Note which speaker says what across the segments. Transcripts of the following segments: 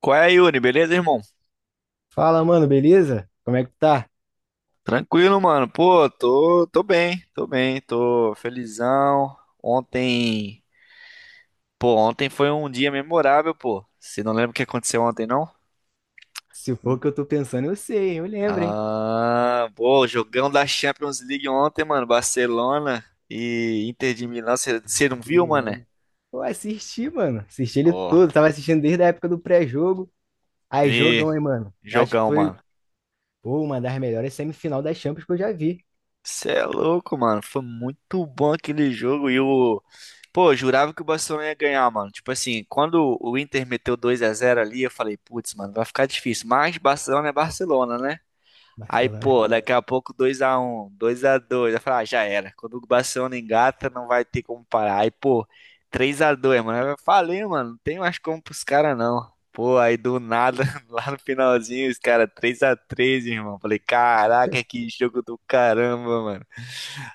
Speaker 1: Qual é, Yuri? Beleza, irmão?
Speaker 2: Fala, mano, beleza? Como é que tá?
Speaker 1: Tranquilo, mano. Pô, tô bem, tô bem, tô felizão. Ontem, pô, ontem foi um dia memorável, pô. Você não lembra o que aconteceu ontem, não?
Speaker 2: Se for o que eu tô pensando, eu sei, eu lembro, hein?
Speaker 1: Ah, pô, jogão da Champions League ontem, mano. Barcelona e Inter de Milão. Você não viu, mano?
Speaker 2: Eu assisti, mano. Assisti ele
Speaker 1: Ó,
Speaker 2: todo. Tava assistindo desde a época do pré-jogo. Aí,
Speaker 1: e
Speaker 2: jogão, hein, mano. Eu acho que
Speaker 1: jogão,
Speaker 2: foi,
Speaker 1: mano.
Speaker 2: pô, uma das melhores semifinal das Champions que eu já vi.
Speaker 1: Você é louco, mano. Foi muito bom aquele jogo e o pô, eu jurava que o Barcelona ia ganhar, mano. Tipo assim, quando o Inter meteu dois a zero ali, eu falei, putz, mano, vai ficar difícil. Mas Barcelona é Barcelona, né? Aí,
Speaker 2: Barcelona.
Speaker 1: pô, daqui a pouco dois a um, dois a dois, eu falei, ah, já era. Quando o Barcelona engata, não vai ter como parar. Aí, pô, três a dois, mano. Eu falei, mano, não tem mais como pros caras, não. Pô, aí do nada, lá no finalzinho, os caras três a três, irmão. Falei, caraca, que jogo do caramba, mano.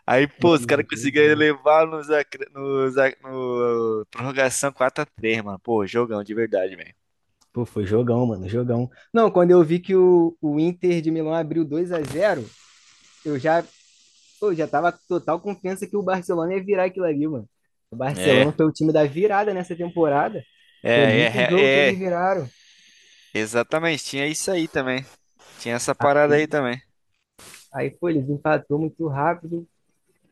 Speaker 1: Aí, pô, os
Speaker 2: Mano,
Speaker 1: caras conseguiram
Speaker 2: jogão.
Speaker 1: levar nos, acre- nos, ac- no prorrogação quatro a três, mano. Pô, jogão de verdade, velho.
Speaker 2: Pô, foi jogão, mano, jogão. Não, quando eu vi que o Inter de Milão abriu 2-0. eu já eu já tava com total confiança que o Barcelona ia virar aquilo ali, mano. O
Speaker 1: É,
Speaker 2: Barcelona foi o time da virada nessa temporada.
Speaker 1: é,
Speaker 2: Foi
Speaker 1: é,
Speaker 2: muito jogo que
Speaker 1: é, é,
Speaker 2: eles viraram.
Speaker 1: exatamente. Tinha isso aí também. Tinha essa parada aí
Speaker 2: Aí,
Speaker 1: também.
Speaker 2: aí, pô, eles empatou muito rápido,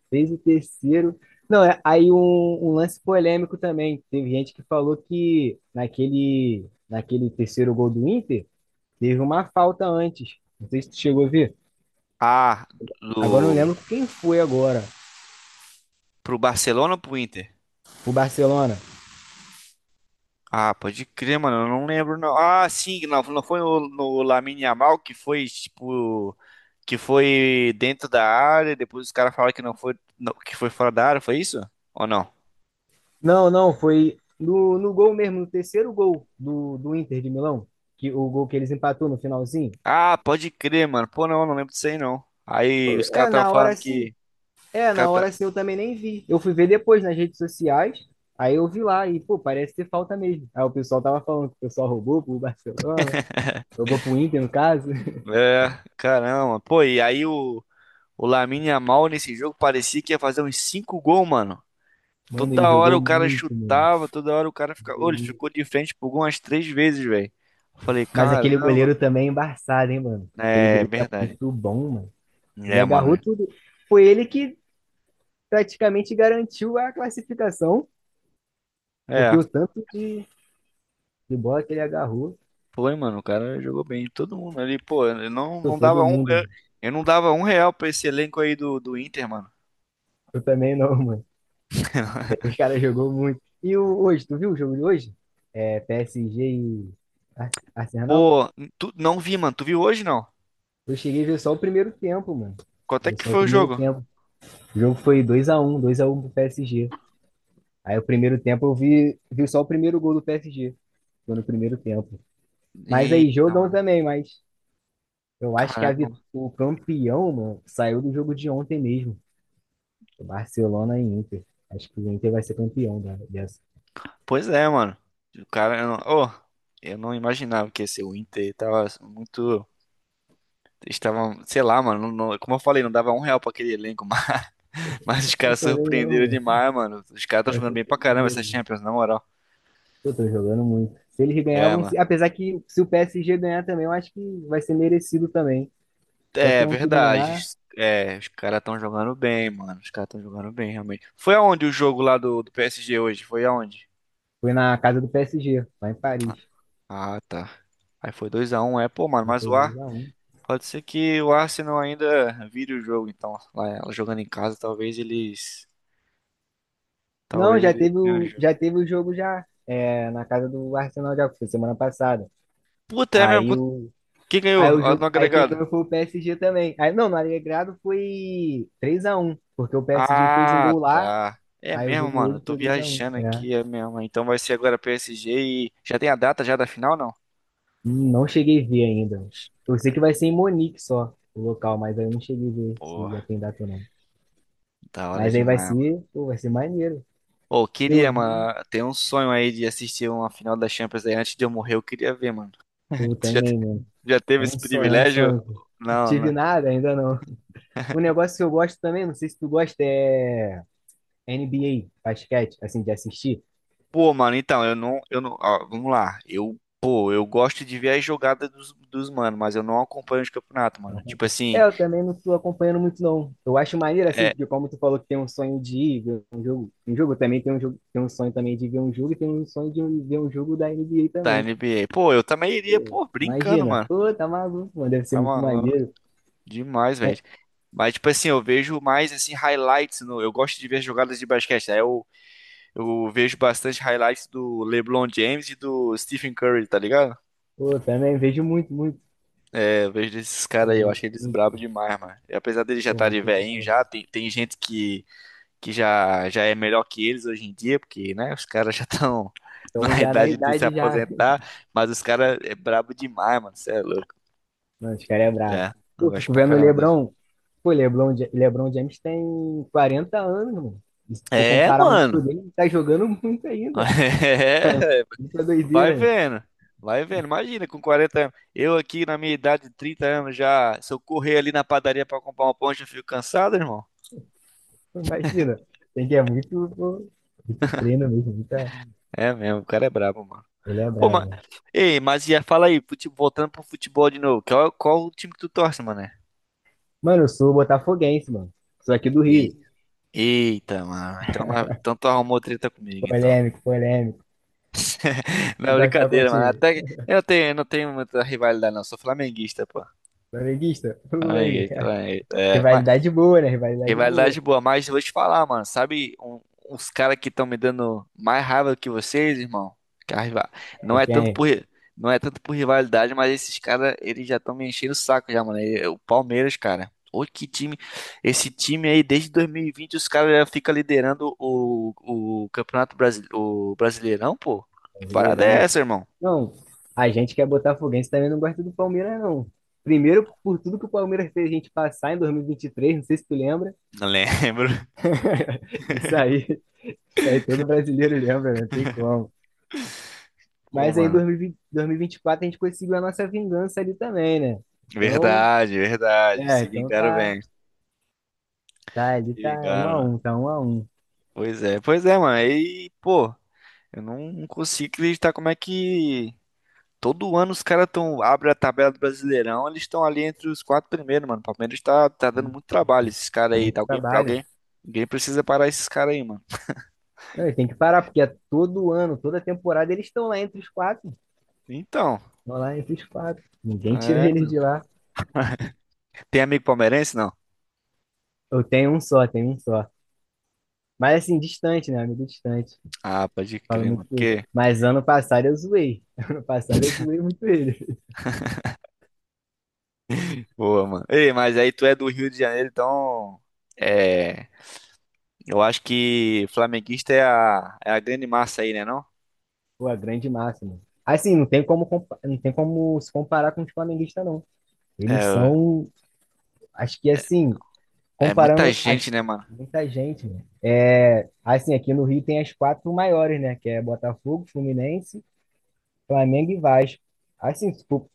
Speaker 2: fez o terceiro. Não, aí um lance polêmico também. Teve gente que falou que naquele terceiro gol do Inter, teve uma falta antes. Não sei se tu chegou a ver.
Speaker 1: Ah,
Speaker 2: Agora eu não
Speaker 1: do,
Speaker 2: lembro quem foi agora.
Speaker 1: pro Barcelona ou pro Inter?
Speaker 2: O Barcelona.
Speaker 1: Ah, pode crer, mano. Eu não lembro, não. Ah, sim, não, não foi no Lamine Yamal que foi, tipo, que foi dentro da área. Depois os caras falaram que não foi, não, que foi fora da área. Foi isso? Ou não?
Speaker 2: Não, não, foi no gol mesmo, no terceiro gol do Inter de Milão, que o gol que eles empatou no finalzinho.
Speaker 1: Ah, pode crer, mano. Pô, não, não lembro disso aí, não. Aí os caras
Speaker 2: É,
Speaker 1: estavam
Speaker 2: na
Speaker 1: falando
Speaker 2: hora sim.
Speaker 1: que. Os
Speaker 2: É, na
Speaker 1: caras
Speaker 2: hora
Speaker 1: tá...
Speaker 2: sim eu também nem vi. Eu fui ver depois nas redes sociais, aí eu vi lá e, pô, parece ter falta mesmo. Aí o pessoal tava falando que o pessoal roubou pro Barcelona, roubou pro Inter, no caso.
Speaker 1: É, caramba. Pô, e aí o Lamine Yamal nesse jogo parecia que ia fazer uns 5 gols, mano.
Speaker 2: Mano, ele
Speaker 1: Toda hora
Speaker 2: jogou
Speaker 1: o cara
Speaker 2: muito, mano.
Speaker 1: chutava, toda hora o cara ficava.
Speaker 2: Jogou
Speaker 1: Ô, ele
Speaker 2: muito.
Speaker 1: ficou de frente por gol umas três vezes, velho. Eu falei,
Speaker 2: Mas aquele
Speaker 1: caramba.
Speaker 2: goleiro também é embaçado, hein, mano? Aquele
Speaker 1: É,
Speaker 2: goleiro é
Speaker 1: verdade.
Speaker 2: muito bom, mano. Ele
Speaker 1: É,
Speaker 2: agarrou
Speaker 1: mano.
Speaker 2: tudo. Foi ele que praticamente garantiu a classificação. Porque
Speaker 1: É,
Speaker 2: o tanto de bola que ele agarrou,
Speaker 1: foi, mano. O cara jogou bem. Todo mundo ali, pô, eu não,
Speaker 2: pô,
Speaker 1: não dava
Speaker 2: todo
Speaker 1: um.
Speaker 2: mundo.
Speaker 1: Eu não dava um real pra esse elenco aí do Inter, mano.
Speaker 2: Eu também não, mano. Os caras jogou muito. Hoje, tu viu o jogo de hoje? É PSG e Arsenal?
Speaker 1: Pô, tu não vi, mano. Tu viu hoje, não?
Speaker 2: Eu cheguei a ver só o primeiro tempo, mano.
Speaker 1: Quanto é
Speaker 2: Vi
Speaker 1: que
Speaker 2: só o
Speaker 1: foi o
Speaker 2: primeiro
Speaker 1: jogo?
Speaker 2: tempo. O jogo foi 2-1 pro PSG. Aí o primeiro tempo eu vi só o primeiro gol do PSG. Foi no primeiro tempo. Mas aí,
Speaker 1: Eita,
Speaker 2: jogão
Speaker 1: mano.
Speaker 2: também, mas eu acho que
Speaker 1: Caramba.
Speaker 2: o campeão, mano, saiu do jogo de ontem mesmo. Barcelona e Inter. Acho que o Inter vai ser campeão dessa.
Speaker 1: Pois é, mano. O cara, eu não, oh, eu não imaginava que ia ser o Inter. Tava muito. Estava, sei lá, mano. Como eu falei, não dava um real pra aquele elenco, mas os
Speaker 2: Eu
Speaker 1: caras
Speaker 2: também não,
Speaker 1: surpreenderam
Speaker 2: mano.
Speaker 1: demais, mano. Os caras estão
Speaker 2: Quero
Speaker 1: jogando
Speaker 2: ser
Speaker 1: bem pra caramba
Speaker 2: brasileiro,
Speaker 1: essa
Speaker 2: mano.
Speaker 1: Champions, na moral.
Speaker 2: Pô, tô jogando muito. Se eles
Speaker 1: É,
Speaker 2: ganhavam,
Speaker 1: mano.
Speaker 2: apesar que se o PSG ganhar também, eu acho que vai ser merecido também.
Speaker 1: É
Speaker 2: Qualquer um que
Speaker 1: verdade.
Speaker 2: ganhar.
Speaker 1: É, os caras estão jogando bem, mano. Os caras estão jogando bem, realmente. Foi aonde o jogo lá do PSG hoje? Foi aonde?
Speaker 2: Foi na casa do PSG, lá em Paris.
Speaker 1: Ah, tá. Aí foi dois a um, é. Pô, mano,
Speaker 2: Já
Speaker 1: mas
Speaker 2: foi
Speaker 1: o
Speaker 2: dois
Speaker 1: Ar.
Speaker 2: a um.
Speaker 1: Pode ser que o Arsenal ainda vire o jogo, então. Lá, jogando em casa, talvez eles.
Speaker 2: Não,
Speaker 1: Talvez eles ganhem o jogo.
Speaker 2: já teve o jogo já na casa do Arsenal já foi semana passada.
Speaker 1: Puta, é mesmo?
Speaker 2: Aí o
Speaker 1: Quem ganhou?
Speaker 2: Aí o
Speaker 1: Ah, no
Speaker 2: jogo, aí quem
Speaker 1: agregado?
Speaker 2: ganhou foi o PSG também. Aí não, no Alegrado foi 3-1, porque o PSG fez um
Speaker 1: Ah,
Speaker 2: gol lá.
Speaker 1: tá. É
Speaker 2: Aí o
Speaker 1: mesmo,
Speaker 2: jogo
Speaker 1: mano. Eu
Speaker 2: hoje
Speaker 1: tô
Speaker 2: foi 2-1.
Speaker 1: viajando
Speaker 2: É.
Speaker 1: aqui, é mesmo. Então vai ser agora PSG e. Já tem a data já da final, não?
Speaker 2: Não cheguei a ver ainda. Eu sei que vai ser em Monique só, o local, mas aí eu não cheguei a ver
Speaker 1: Pô,
Speaker 2: se já tem data ou não.
Speaker 1: da hora
Speaker 2: Mas aí vai
Speaker 1: demais, mano.
Speaker 2: ser, pô, vai ser maneiro.
Speaker 1: Pô,
Speaker 2: Eu
Speaker 1: queria,
Speaker 2: vi,
Speaker 1: mano. Tem um sonho aí de assistir uma final da Champions aí antes de eu morrer. Eu queria ver, mano.
Speaker 2: pô,
Speaker 1: Você já,
Speaker 2: também, mano.
Speaker 1: já teve
Speaker 2: É
Speaker 1: esse
Speaker 2: um sonho, é um
Speaker 1: privilégio?
Speaker 2: sonho. Pô. Eu
Speaker 1: Não,
Speaker 2: tive
Speaker 1: né?
Speaker 2: nada, ainda não. Um negócio que eu gosto também, não sei se tu gosta, é NBA, basquete, assim, de assistir.
Speaker 1: Pô, mano, então, eu não, ó, vamos lá. Eu, pô, eu gosto de ver as jogadas dos mano, mas eu não acompanho os campeonatos, mano. Tipo
Speaker 2: É,
Speaker 1: assim,
Speaker 2: eu também não tô acompanhando muito, não. Eu acho maneiro, assim,
Speaker 1: é,
Speaker 2: porque como tu falou que tem um sonho de ir ver um jogo também tem um jogo, tem um sonho também de ver um jogo e tem um sonho de ver um jogo da NBA
Speaker 1: da
Speaker 2: também.
Speaker 1: NBA. Pô, eu também iria,
Speaker 2: Pô,
Speaker 1: pô, brincando,
Speaker 2: imagina.
Speaker 1: mano.
Speaker 2: Pô, tá maluco, mano. Deve ser
Speaker 1: Tá
Speaker 2: muito
Speaker 1: maluco
Speaker 2: maneiro.
Speaker 1: demais, velho.
Speaker 2: É,
Speaker 1: Mas, tipo assim, eu vejo mais, assim, highlights. No, eu gosto de ver jogadas de basquete, né? Eu vejo bastante highlights do LeBron James e do Stephen Curry, tá ligado?
Speaker 2: pô, também vejo muito, muito.
Speaker 1: É, eu vejo desses
Speaker 2: Pô,
Speaker 1: caras aí, eu
Speaker 2: vejo
Speaker 1: acho eles brabo
Speaker 2: muito,
Speaker 1: demais, mano. E apesar deles já
Speaker 2: pô,
Speaker 1: estarem
Speaker 2: muito
Speaker 1: velhinhos
Speaker 2: bravo.
Speaker 1: já, tem gente que já, já é melhor que eles hoje em dia, porque, né, os caras já estão
Speaker 2: Então
Speaker 1: na
Speaker 2: já na
Speaker 1: idade de se
Speaker 2: idade já.
Speaker 1: aposentar, mas os caras é brabo demais, mano, você é louco.
Speaker 2: Mano, os caras é
Speaker 1: É,
Speaker 2: bravo.
Speaker 1: eu
Speaker 2: Pô,
Speaker 1: gosto
Speaker 2: fico
Speaker 1: pra
Speaker 2: vendo o
Speaker 1: caramba deles.
Speaker 2: LeBron. Pô, LeBron, LeBron James tem 40 anos, mano. E se tu for
Speaker 1: É,
Speaker 2: comparar onde tu
Speaker 1: mano.
Speaker 2: dele, ele tá jogando muito ainda.
Speaker 1: É,
Speaker 2: Muita doideira,
Speaker 1: vai
Speaker 2: né?
Speaker 1: vendo. Vai vendo. Imagina, com 40 anos. Eu aqui na minha idade de 30 anos já, se eu correr ali na padaria pra comprar uma ponte, eu fico cansado, irmão.
Speaker 2: Imagina. Tem que é muito, pô, muito treino mesmo, muita...
Speaker 1: É mesmo, o cara é brabo, mano.
Speaker 2: Ele é
Speaker 1: Pô,
Speaker 2: bravo,
Speaker 1: mas.
Speaker 2: mano.
Speaker 1: Ei, mas ia, fala aí, voltando pro futebol de novo. Qual, qual o time que tu torce, mané?
Speaker 2: Mano, eu sou botafoguense, mano. Sou aqui do Rio.
Speaker 1: E eita, mano. Então, então tu arrumou treta comigo, então.
Speaker 2: Polêmico, polêmico. Tu
Speaker 1: Não,
Speaker 2: torce pra qual
Speaker 1: brincadeira, mano.
Speaker 2: time?
Speaker 1: Até que eu tenho, eu não tenho muita rivalidade, não. Sou flamenguista, pô.
Speaker 2: Flamenguista? Pô, aí.
Speaker 1: Flamenguista, flamenguista. É, mas
Speaker 2: Rivalidade boa, né? Rivalidade boa.
Speaker 1: rivalidade boa, mas eu vou te falar, mano. Sabe uns caras que estão me dando mais raiva do que vocês, irmão? Que a riva- Não
Speaker 2: É
Speaker 1: é
Speaker 2: quem?
Speaker 1: tanto
Speaker 2: É?
Speaker 1: por, não é tanto por rivalidade, mas esses caras, eles já estão me enchendo o saco já, mano. E- O Palmeiras, cara. Ô, que time. Esse time aí, desde 2020, os caras já ficam liderando o Campeonato Brasi... o Brasileirão, pô. Que parada
Speaker 2: Brasileirão,
Speaker 1: é
Speaker 2: né?
Speaker 1: essa, irmão?
Speaker 2: Não, a gente que é botafoguense também não gosta do Palmeiras, não. Primeiro, por tudo que o Palmeiras fez a gente passar em 2023, não sei se tu lembra.
Speaker 1: Não lembro.
Speaker 2: Isso aí, isso aí todo brasileiro lembra, não tem como.
Speaker 1: Pô,
Speaker 2: Mas aí,
Speaker 1: mano.
Speaker 2: 2024 a gente conseguiu a nossa vingança ali também, né? Então,
Speaker 1: Verdade, verdade.
Speaker 2: é,
Speaker 1: Se
Speaker 2: então
Speaker 1: vingaram,
Speaker 2: tá,
Speaker 1: bem.
Speaker 2: tá ali,
Speaker 1: Se
Speaker 2: tá um a
Speaker 1: vingaram.
Speaker 2: um, tá 1-1.
Speaker 1: Pois é, mano. E, pô, eu não consigo acreditar como é que todo ano os caras tão abrem a tabela do Brasileirão, eles estão ali entre os quatro primeiros, mano. O Palmeiras tá dando muito trabalho, esses caras
Speaker 2: É
Speaker 1: aí.
Speaker 2: muito trabalho.
Speaker 1: Ninguém precisa parar esses caras aí, mano.
Speaker 2: Não, e tem que parar, porque é todo ano, toda temporada, eles estão lá entre os quatro.
Speaker 1: Então,
Speaker 2: Estão lá entre os quatro. Ninguém tira
Speaker 1: é,
Speaker 2: eles
Speaker 1: mano.
Speaker 2: de lá.
Speaker 1: Tem amigo palmeirense, não?
Speaker 2: Eu tenho um só, tenho um só. Mas assim, distante, né? Amigo distante.
Speaker 1: Ah, pode
Speaker 2: Falo
Speaker 1: crer, mano.
Speaker 2: muito com ele.
Speaker 1: Que
Speaker 2: Mas ano passado eu zoei. Ano passado eu zoei muito ele.
Speaker 1: boa, mano. Ei, mas aí tu é do Rio de Janeiro, então, é, eu acho que flamenguista é é a grande massa aí, né, não?
Speaker 2: Pô, a grande máxima. Assim, não tem como, não tem como se comparar com os flamenguistas, não. Eles
Speaker 1: É,
Speaker 2: são, acho que assim,
Speaker 1: é muita
Speaker 2: comparando as
Speaker 1: gente, né, mano?
Speaker 2: muita gente, né? É, assim, aqui no Rio tem as quatro maiores, né? Que é Botafogo, Fluminense, Flamengo e Vasco. Assim, se for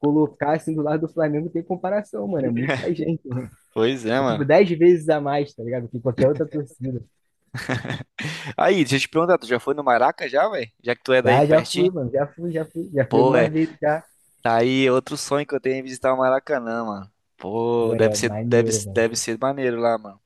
Speaker 2: colocar assim do lado do Flamengo, tem comparação, mano. É muita gente, né?
Speaker 1: Pois é,
Speaker 2: É tipo
Speaker 1: mano.
Speaker 2: 10 vezes a mais, tá ligado? Que qualquer outra torcida.
Speaker 1: Aí, deixa eu te perguntar, tu já foi no Maraca já, velho? Já que tu é daí
Speaker 2: Já,
Speaker 1: de
Speaker 2: já
Speaker 1: pertinho?
Speaker 2: fui, mano. Já fui, já fui. Já fui
Speaker 1: Pô, é.
Speaker 2: algumas vezes já.
Speaker 1: Tá aí outro sonho que eu tenho é visitar o Maracanã, mano. Pô,
Speaker 2: Ué,
Speaker 1: deve
Speaker 2: é
Speaker 1: ser, deve,
Speaker 2: maneiro, mano.
Speaker 1: deve ser maneiro lá, mano.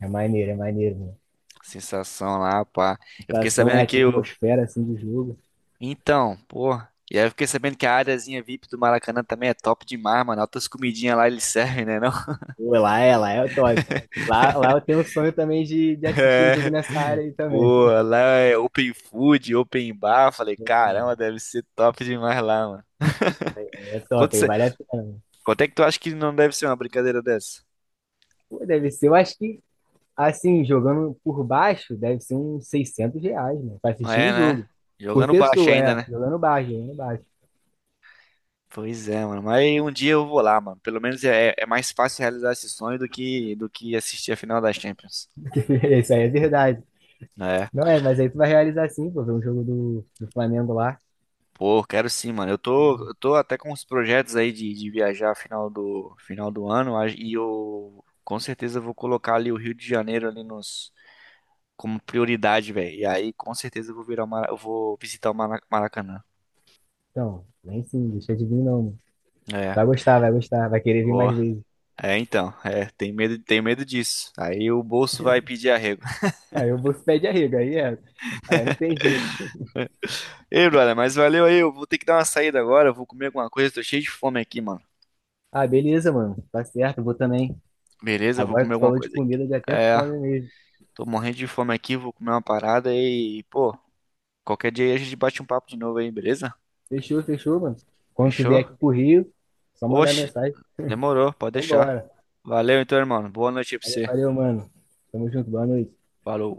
Speaker 2: É maneiro, mano.
Speaker 1: Sensação lá, pá.
Speaker 2: A
Speaker 1: Eu fiquei
Speaker 2: situação é
Speaker 1: sabendo
Speaker 2: a
Speaker 1: que o.
Speaker 2: atmosfera, assim, do jogo.
Speaker 1: Então, pô. E aí eu fiquei sabendo que a áreazinha VIP do Maracanã também é top demais, mano. Altas comidinhas lá eles servem, né, não?
Speaker 2: Pô, lá é o top. Lá eu tenho um sonho também de assistir um jogo
Speaker 1: É.
Speaker 2: nessa área aí também.
Speaker 1: Pô, lá é open food, open bar. Falei,
Speaker 2: Vou
Speaker 1: caramba,
Speaker 2: pegar.
Speaker 1: deve ser top demais lá, mano.
Speaker 2: É
Speaker 1: Quanto,
Speaker 2: top, aí
Speaker 1: cê-
Speaker 2: vale a pena.
Speaker 1: Quanto é que tu acha que não deve ser uma brincadeira dessa?
Speaker 2: Pô, deve ser, eu acho que, assim, jogando por baixo, deve ser uns R$ 600, né? Pra assistir
Speaker 1: É,
Speaker 2: um
Speaker 1: né?
Speaker 2: jogo. Por
Speaker 1: Jogando baixo
Speaker 2: pessoa,
Speaker 1: ainda,
Speaker 2: é.
Speaker 1: né?
Speaker 2: Jogando baixo, jogando baixo.
Speaker 1: Pois é, mano. Mas um dia eu vou lá, mano. Pelo menos é, é mais fácil realizar esse sonho do que assistir a final das Champions.
Speaker 2: Isso aí é verdade.
Speaker 1: É.
Speaker 2: Não é, mas aí tu vai realizar sim, pô, ver um jogo do Flamengo lá.
Speaker 1: Pô, quero sim, mano. Eu tô até com uns projetos aí de viajar final do ano. E eu com certeza vou colocar ali o Rio de Janeiro ali nos, como prioridade, velho. E aí com certeza eu vou eu vou Maracanã.
Speaker 2: Então, vem sim, deixa de vir não, mano.
Speaker 1: É.
Speaker 2: Vai gostar, vai gostar, vai querer vir
Speaker 1: Vou.
Speaker 2: mais vezes.
Speaker 1: É, então. É, tem medo disso. Aí o bolso vai pedir arrego.
Speaker 2: Aí eu vou se pé arrego, aí é. Aí não tem jeito.
Speaker 1: Ei, brother, mas valeu aí. Eu vou ter que dar uma saída agora. Eu vou comer alguma coisa. Tô cheio de fome aqui, mano.
Speaker 2: Ah, beleza, mano. Tá certo, eu vou também.
Speaker 1: Beleza, eu vou
Speaker 2: Agora que
Speaker 1: comer
Speaker 2: tu
Speaker 1: alguma
Speaker 2: falou de
Speaker 1: coisa aqui.
Speaker 2: comida, deu até
Speaker 1: É,
Speaker 2: fome mesmo.
Speaker 1: tô morrendo de fome aqui. Vou comer uma parada e, pô, qualquer dia aí a gente bate um papo de novo aí, beleza?
Speaker 2: Fechou, fechou, mano. Quando tu vier
Speaker 1: Fechou?
Speaker 2: aqui pro Rio, só mandar
Speaker 1: Oxe,
Speaker 2: mensagem.
Speaker 1: demorou. Pode deixar.
Speaker 2: Vambora.
Speaker 1: Valeu então, irmão. Boa noite aí pra
Speaker 2: Valeu,
Speaker 1: você.
Speaker 2: valeu, mano. Tamo junto, boa noite.
Speaker 1: Falou.